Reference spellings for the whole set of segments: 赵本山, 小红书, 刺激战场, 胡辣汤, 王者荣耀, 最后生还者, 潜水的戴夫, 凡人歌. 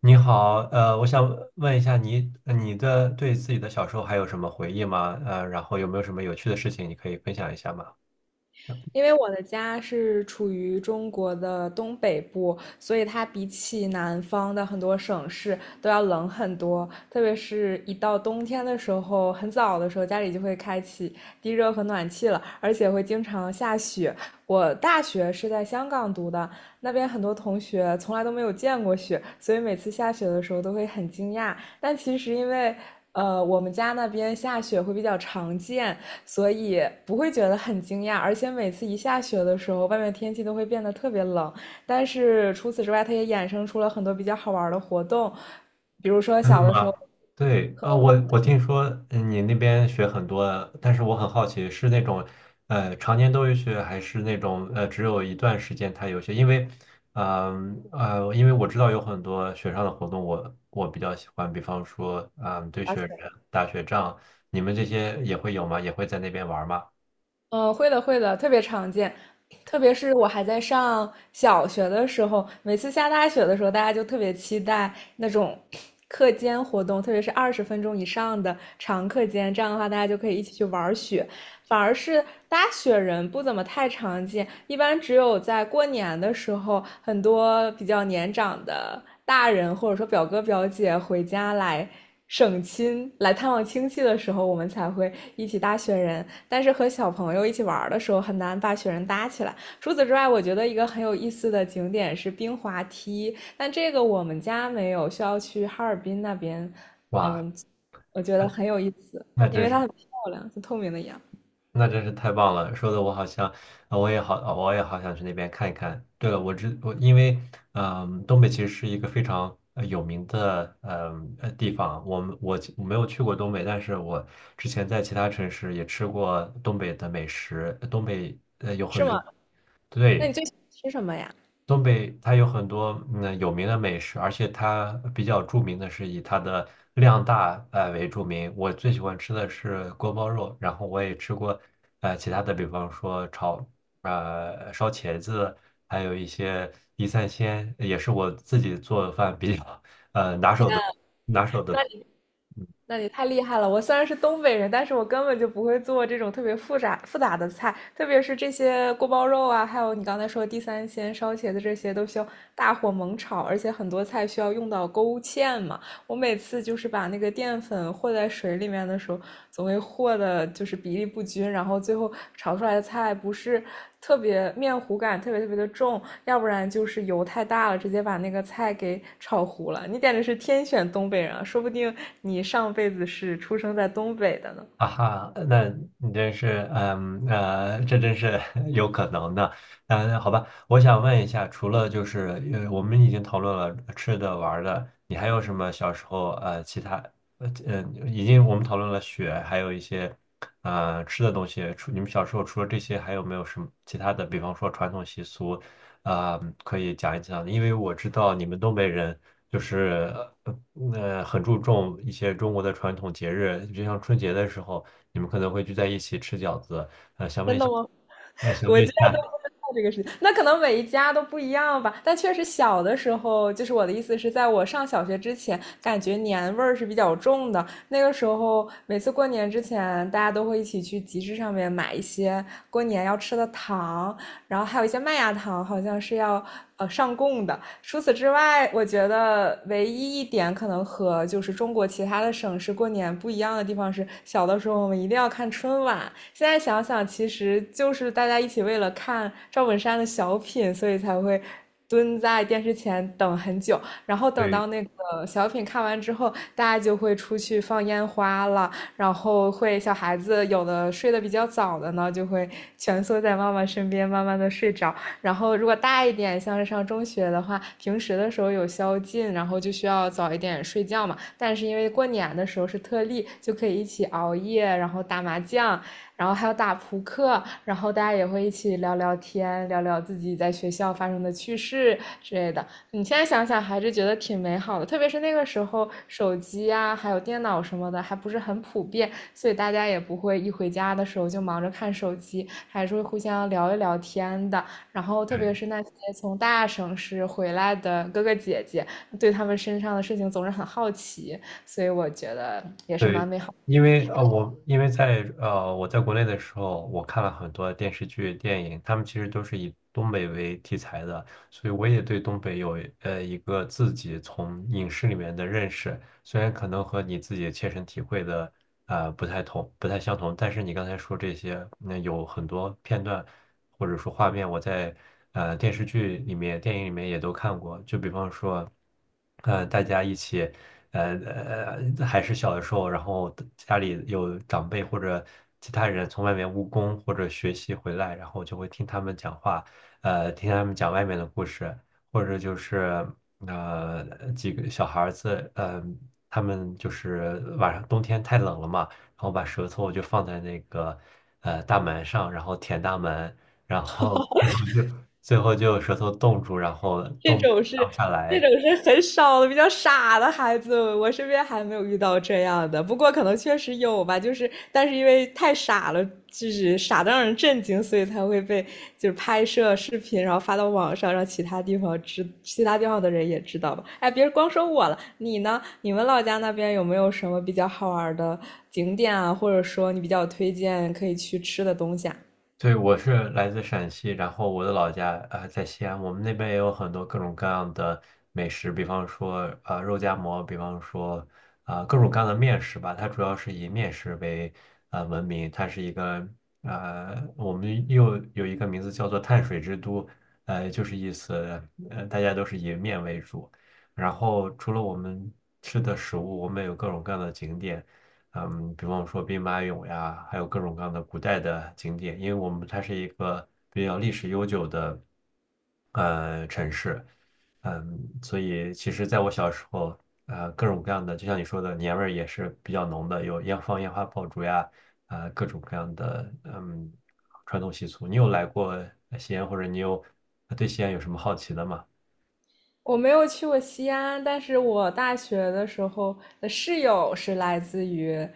你好，我想问一下你，你的对自己的小时候还有什么回忆吗？然后有没有什么有趣的事情你可以分享一下吗？因为我的家是处于中国的东北部，所以它比起南方的很多省市都要冷很多。特别是一到冬天的时候，很早的时候家里就会开启地热和暖气了，而且会经常下雪。我大学是在香港读的，那边很多同学从来都没有见过雪，所以每次下雪的时候都会很惊讶。但其实因为我们家那边下雪会比较常见，所以不会觉得很惊讶，而且每次一下雪的时候，外面天气都会变得特别冷。但是除此之外，它也衍生出了很多比较好玩的活动，比如说真的小的时吗？候对，我听说你那边学很多，但是我很好奇，是那种常年都有学，还是那种只有一段时间他有学？因为，因为我知道有很多学上的活动我，我比较喜欢，比方说，嗯、堆滑雪人、雪的打雪仗，你们这些也会有吗？也会在那边玩吗？嗯，会的会的，特别常见。特别是我还在上小学的时候，每次下大雪的时候，大家就特别期待那种课间活动，特别是20分钟以上的长课间，这样的话大家就可以一起去玩雪。反而是搭雪人不怎么太常见，一般只有在过年的时候，很多比较年长的大人或者说表哥表姐回家来省亲、来探望亲戚的时候，我们才会一起搭雪人。但是和小朋友一起玩的时候，很难把雪人搭起来。除此之外，我觉得一个很有意思的景点是冰滑梯，但这个我们家没有，需要去哈尔滨那边。哇，嗯，我觉得很有意思，那因真为它是，很漂亮，就透明的一样。那真是太棒了！说的我好像，我也好，我也好想去那边看一看。对了，我知我因为，嗯，东北其实是一个非常有名的，地方。我们我我没有去过东北，但是我之前在其他城市也吃过东北的美食。东北有是很多，吗？那对，你最喜欢吃什么呀？东北它有很多有名的美食，而且它比较著名的是以它的量大为著名。我最喜欢吃的是锅包肉，然后我也吃过其他的，比方说炒烧茄子，还有一些地三鲜，也是我自己做饭比较拿天手啊，的拿手的。那你那你太厉害了！我虽然是东北人，但是我根本就不会做这种特别复杂复杂的菜，特别是这些锅包肉啊，还有你刚才说的地三鲜、烧茄子这些，都需要大火猛炒，而且很多菜需要用到勾芡嘛。我每次就是把那个淀粉和在水里面的时候，总会和的就是比例不均，然后最后炒出来的菜不是特别面糊感特别特别的重，要不然就是油太大了，直接把那个菜给炒糊了。你简直是天选东北人，啊说不定你上辈子是出生在东北的呢。啊哈，那你真是，这真是 有可能的。嗯，好吧，我想问一下，除了就是，呃，我们已经讨论了吃的、玩儿的，你还有什么小时候其他，已经我们讨论了雪，还有一些吃的东西。除你们小时候除了这些，还有没有什么其他的？比方说传统习俗，啊、可以讲一讲，因为我知道你们东北人就是很注重一些中国的传统节日，就像春节的时候，你们可能会聚在一起吃饺子。想问真一的下，吗？那 想我问一家都下，不知道这个事情，那可能每一家都不一样吧。但确实小的时候，就是我的意思是在我上小学之前，感觉年味儿是比较重的。那个时候，每次过年之前，大家都会一起去集市上面买一些过年要吃的糖，然后还有一些麦芽糖好像是要上供的。除此之外，我觉得唯一一点可能和就是中国其他的省市过年不一样的地方是，小的时候我们一定要看春晚。现在想想，其实就是大家一起为了看赵本山的小品，所以才会。蹲在电视前等很久，然后等对，到那个小品看完之后，大家就会出去放烟花了，然后会小孩子有的睡得比较早的呢，就会蜷缩在妈妈身边，慢慢的睡着。然后如果大一点，像是上中学的话，平时的时候有宵禁，然后就需要早一点睡觉嘛。但是因为过年的时候是特例，就可以一起熬夜，然后打麻将。然后还有打扑克，然后大家也会一起聊聊天，聊聊自己在学校发生的趣事之类的。你现在想想还是觉得挺美好的，特别是那个时候手机啊，还有电脑什么的还不是很普遍，所以大家也不会一回家的时候就忙着看手机，还是会互相聊一聊天的。然后特别是那些从大城市回来的哥哥姐姐，对他们身上的事情总是很好奇，所以我觉得也是蛮对，美好。因为我因为在我在国内的时候，我看了很多电视剧、电影，他们其实都是以东北为题材的，所以我也对东北有一个自己从影视里面的认识，虽然可能和你自己切身体会的不太同、不太相同，但是你刚才说这些，那有很多片段或者说画面，我在电视剧里面、电影里面也都看过，就比方说，呃，大家一起。还是小的时候，然后家里有长辈或者其他人从外面务工或者学习回来，然后就会听他们讲话，听他们讲外面的故事，或者就是几个小孩子，呃，他们就是晚上冬天太冷了嘛，然后把舌头就放在那个大门上，然后舔大门，然后最后就舌头冻住，然后这冻不种是下这来。种是很少的，比较傻的孩子，我身边还没有遇到这样的。不过可能确实有吧，就是但是因为太傻了，就是傻的让人震惊，所以才会被就是拍摄视频，然后发到网上，让其他地方知，其他地方的人也知道吧。哎，别光说我了，你呢？你们老家那边有没有什么比较好玩的景点啊，或者说你比较推荐可以去吃的东西啊？对，我是来自陕西，然后我的老家在西安，我们那边也有很多各种各样的美食，比方说肉夹馍，比方说啊、各种各样的面食吧，它主要是以面食为闻名，它是一个我们又有一个名字叫做碳水之都，就是意思大家都是以面为主，然后除了我们吃的食物，我们有各种各样的景点。嗯，比方说兵马俑呀，还有各种各样的古代的景点，因为我们它是一个比较历史悠久的城市，嗯，所以其实在我小时候，呃，各种各样的，就像你说的，年味儿也是比较浓的，有烟放烟花爆竹呀，各种各样的传统习俗。你有来过西安，或者你有对西安有什么好奇的吗？我没有去过西安，但是我大学的时候的室友是来自于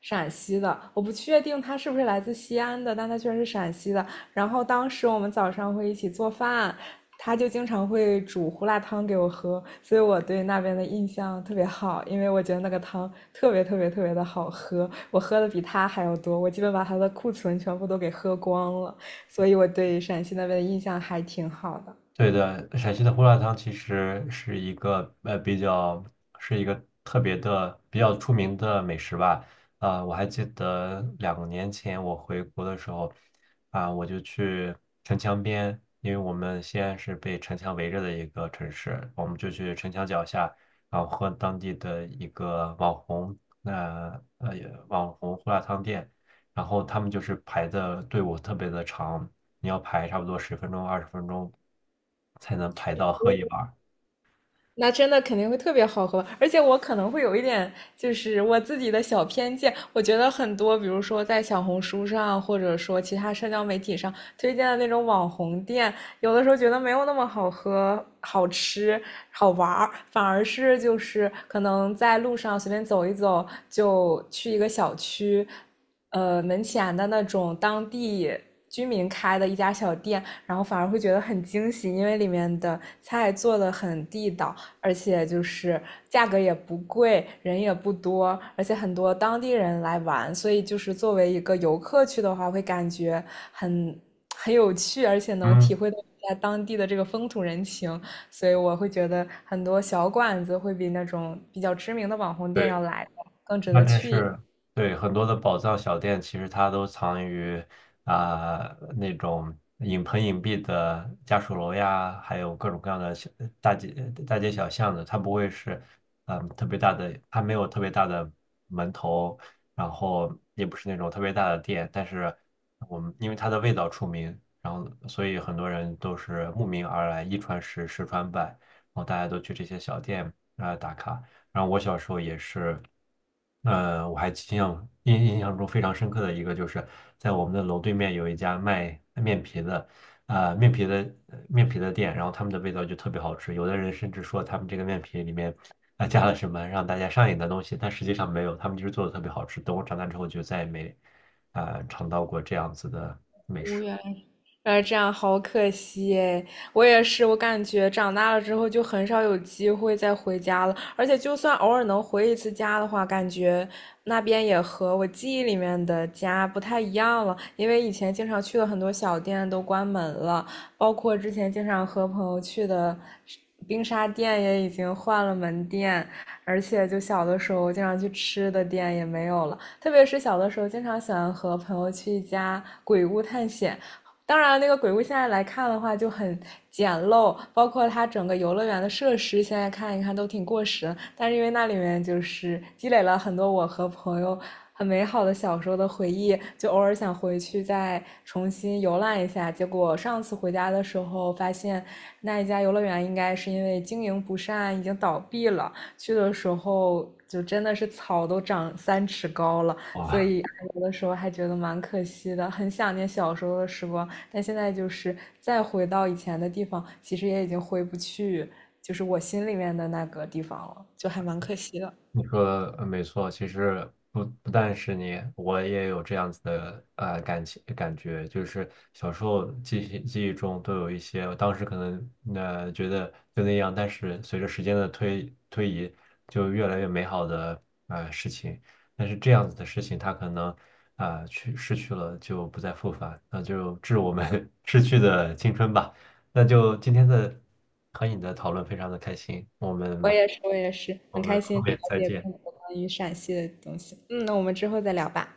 陕西的，我不确定他是不是来自西安的，但他居然是陕西的。然后当时我们早上会一起做饭，他就经常会煮胡辣汤给我喝，所以我对那边的印象特别好，因为我觉得那个汤特别特别特别的好喝，我喝的比他还要多，我基本把他的库存全部都给喝光了，所以我对陕西那边的印象还挺好的。对的，陕西的胡辣汤其实是一个呃比较是一个特别的比较出名的美食吧。啊、我还记得两年前我回国的时候，啊、我就去城墙边，因为我们西安是被城墙围着的一个城市，我们就去城墙脚下，然后喝当地的一个网红那呃网红胡辣汤店，然后他们就是排的队伍特别的长。你要排差不多十分钟、二十分钟才能排到喝一碗儿。那真的肯定会特别好喝，而且我可能会有一点，就是我自己的小偏见，我觉得很多，比如说在小红书上，或者说其他社交媒体上推荐的那种网红店，有的时候觉得没有那么好喝、好吃、好玩儿，反而是就是可能在路上随便走一走，就去一个小区，门前的那种当地。居民开的一家小店，然后反而会觉得很惊喜，因为里面的菜做的很地道，而且就是价格也不贵，人也不多，而且很多当地人来玩，所以就是作为一个游客去的话，会感觉很很有趣，而且能体嗯，会到一下当地的这个风土人情，所以我会觉得很多小馆子会比那种比较知名的网红店要对。来的更值那得真去一下。是对很多的宝藏小店，其实它都藏于啊、那种隐蔽的家属楼呀，还有各种各样的小大街大街小巷的，它不会是特别大的，它没有特别大的门头，然后也不是那种特别大的店，但是我们因为它的味道出名，然后所以很多人都是慕名而来，一传十，十传百，然后大家都去这些小店啊、打卡。然后我小时候也是，我还印象中非常深刻的一个，就是在我们的楼对面有一家卖面皮的，呃，面皮的面皮的店，然后他们的味道就特别好吃。有的人甚至说他们这个面皮里面啊、加了什么让大家上瘾的东西，但实际上没有，他们就是做的特别好吃。等我长大之后就再也没啊、尝到过这样子的。哦，哎，这样好可惜诶，我也是，我感觉长大了之后就很少有机会再回家了，而且就算偶尔能回一次家的话，感觉那边也和我记忆里面的家不太一样了，因为以前经常去的很多小店都关门了，包括之前经常和朋友去的冰沙店也已经换了门店，而且就小的时候经常去吃的店也没有了。特别是小的时候，经常喜欢和朋友去一家鬼屋探险，当然，那个鬼屋现在来看的话就很简陋，包括它整个游乐园的设施，现在看一看都挺过时。但是因为那里面就是积累了很多我和朋友很美好的小时候的回忆，就偶尔想回去再重新游览一下。结果上次回家的时候发现，那一家游乐园应该是因为经营不善已经倒闭了。去的时候就真的是草都长三尺高了。所哇，以有的时候还觉得蛮可惜的，很想念小时候的时光，但现在就是再回到以前的地方，其实也已经回不去，就是我心里面的那个地方了，就还蛮可惜的。你说没错，其实不但是你，我也有这样子的感觉，就是小时候记忆中都有一些，我当时可能觉得就那样，但是随着时间的推移，就越来越美好的事情。但是这样子的事情，它可能啊、失去了，就不再复返，那就致我们 逝去的青春吧。那就今天的和你的讨论非常的开心，我也是，我也是，我很们开心后了面再解见。更多关于陕西的东西。嗯，那我们之后再聊吧。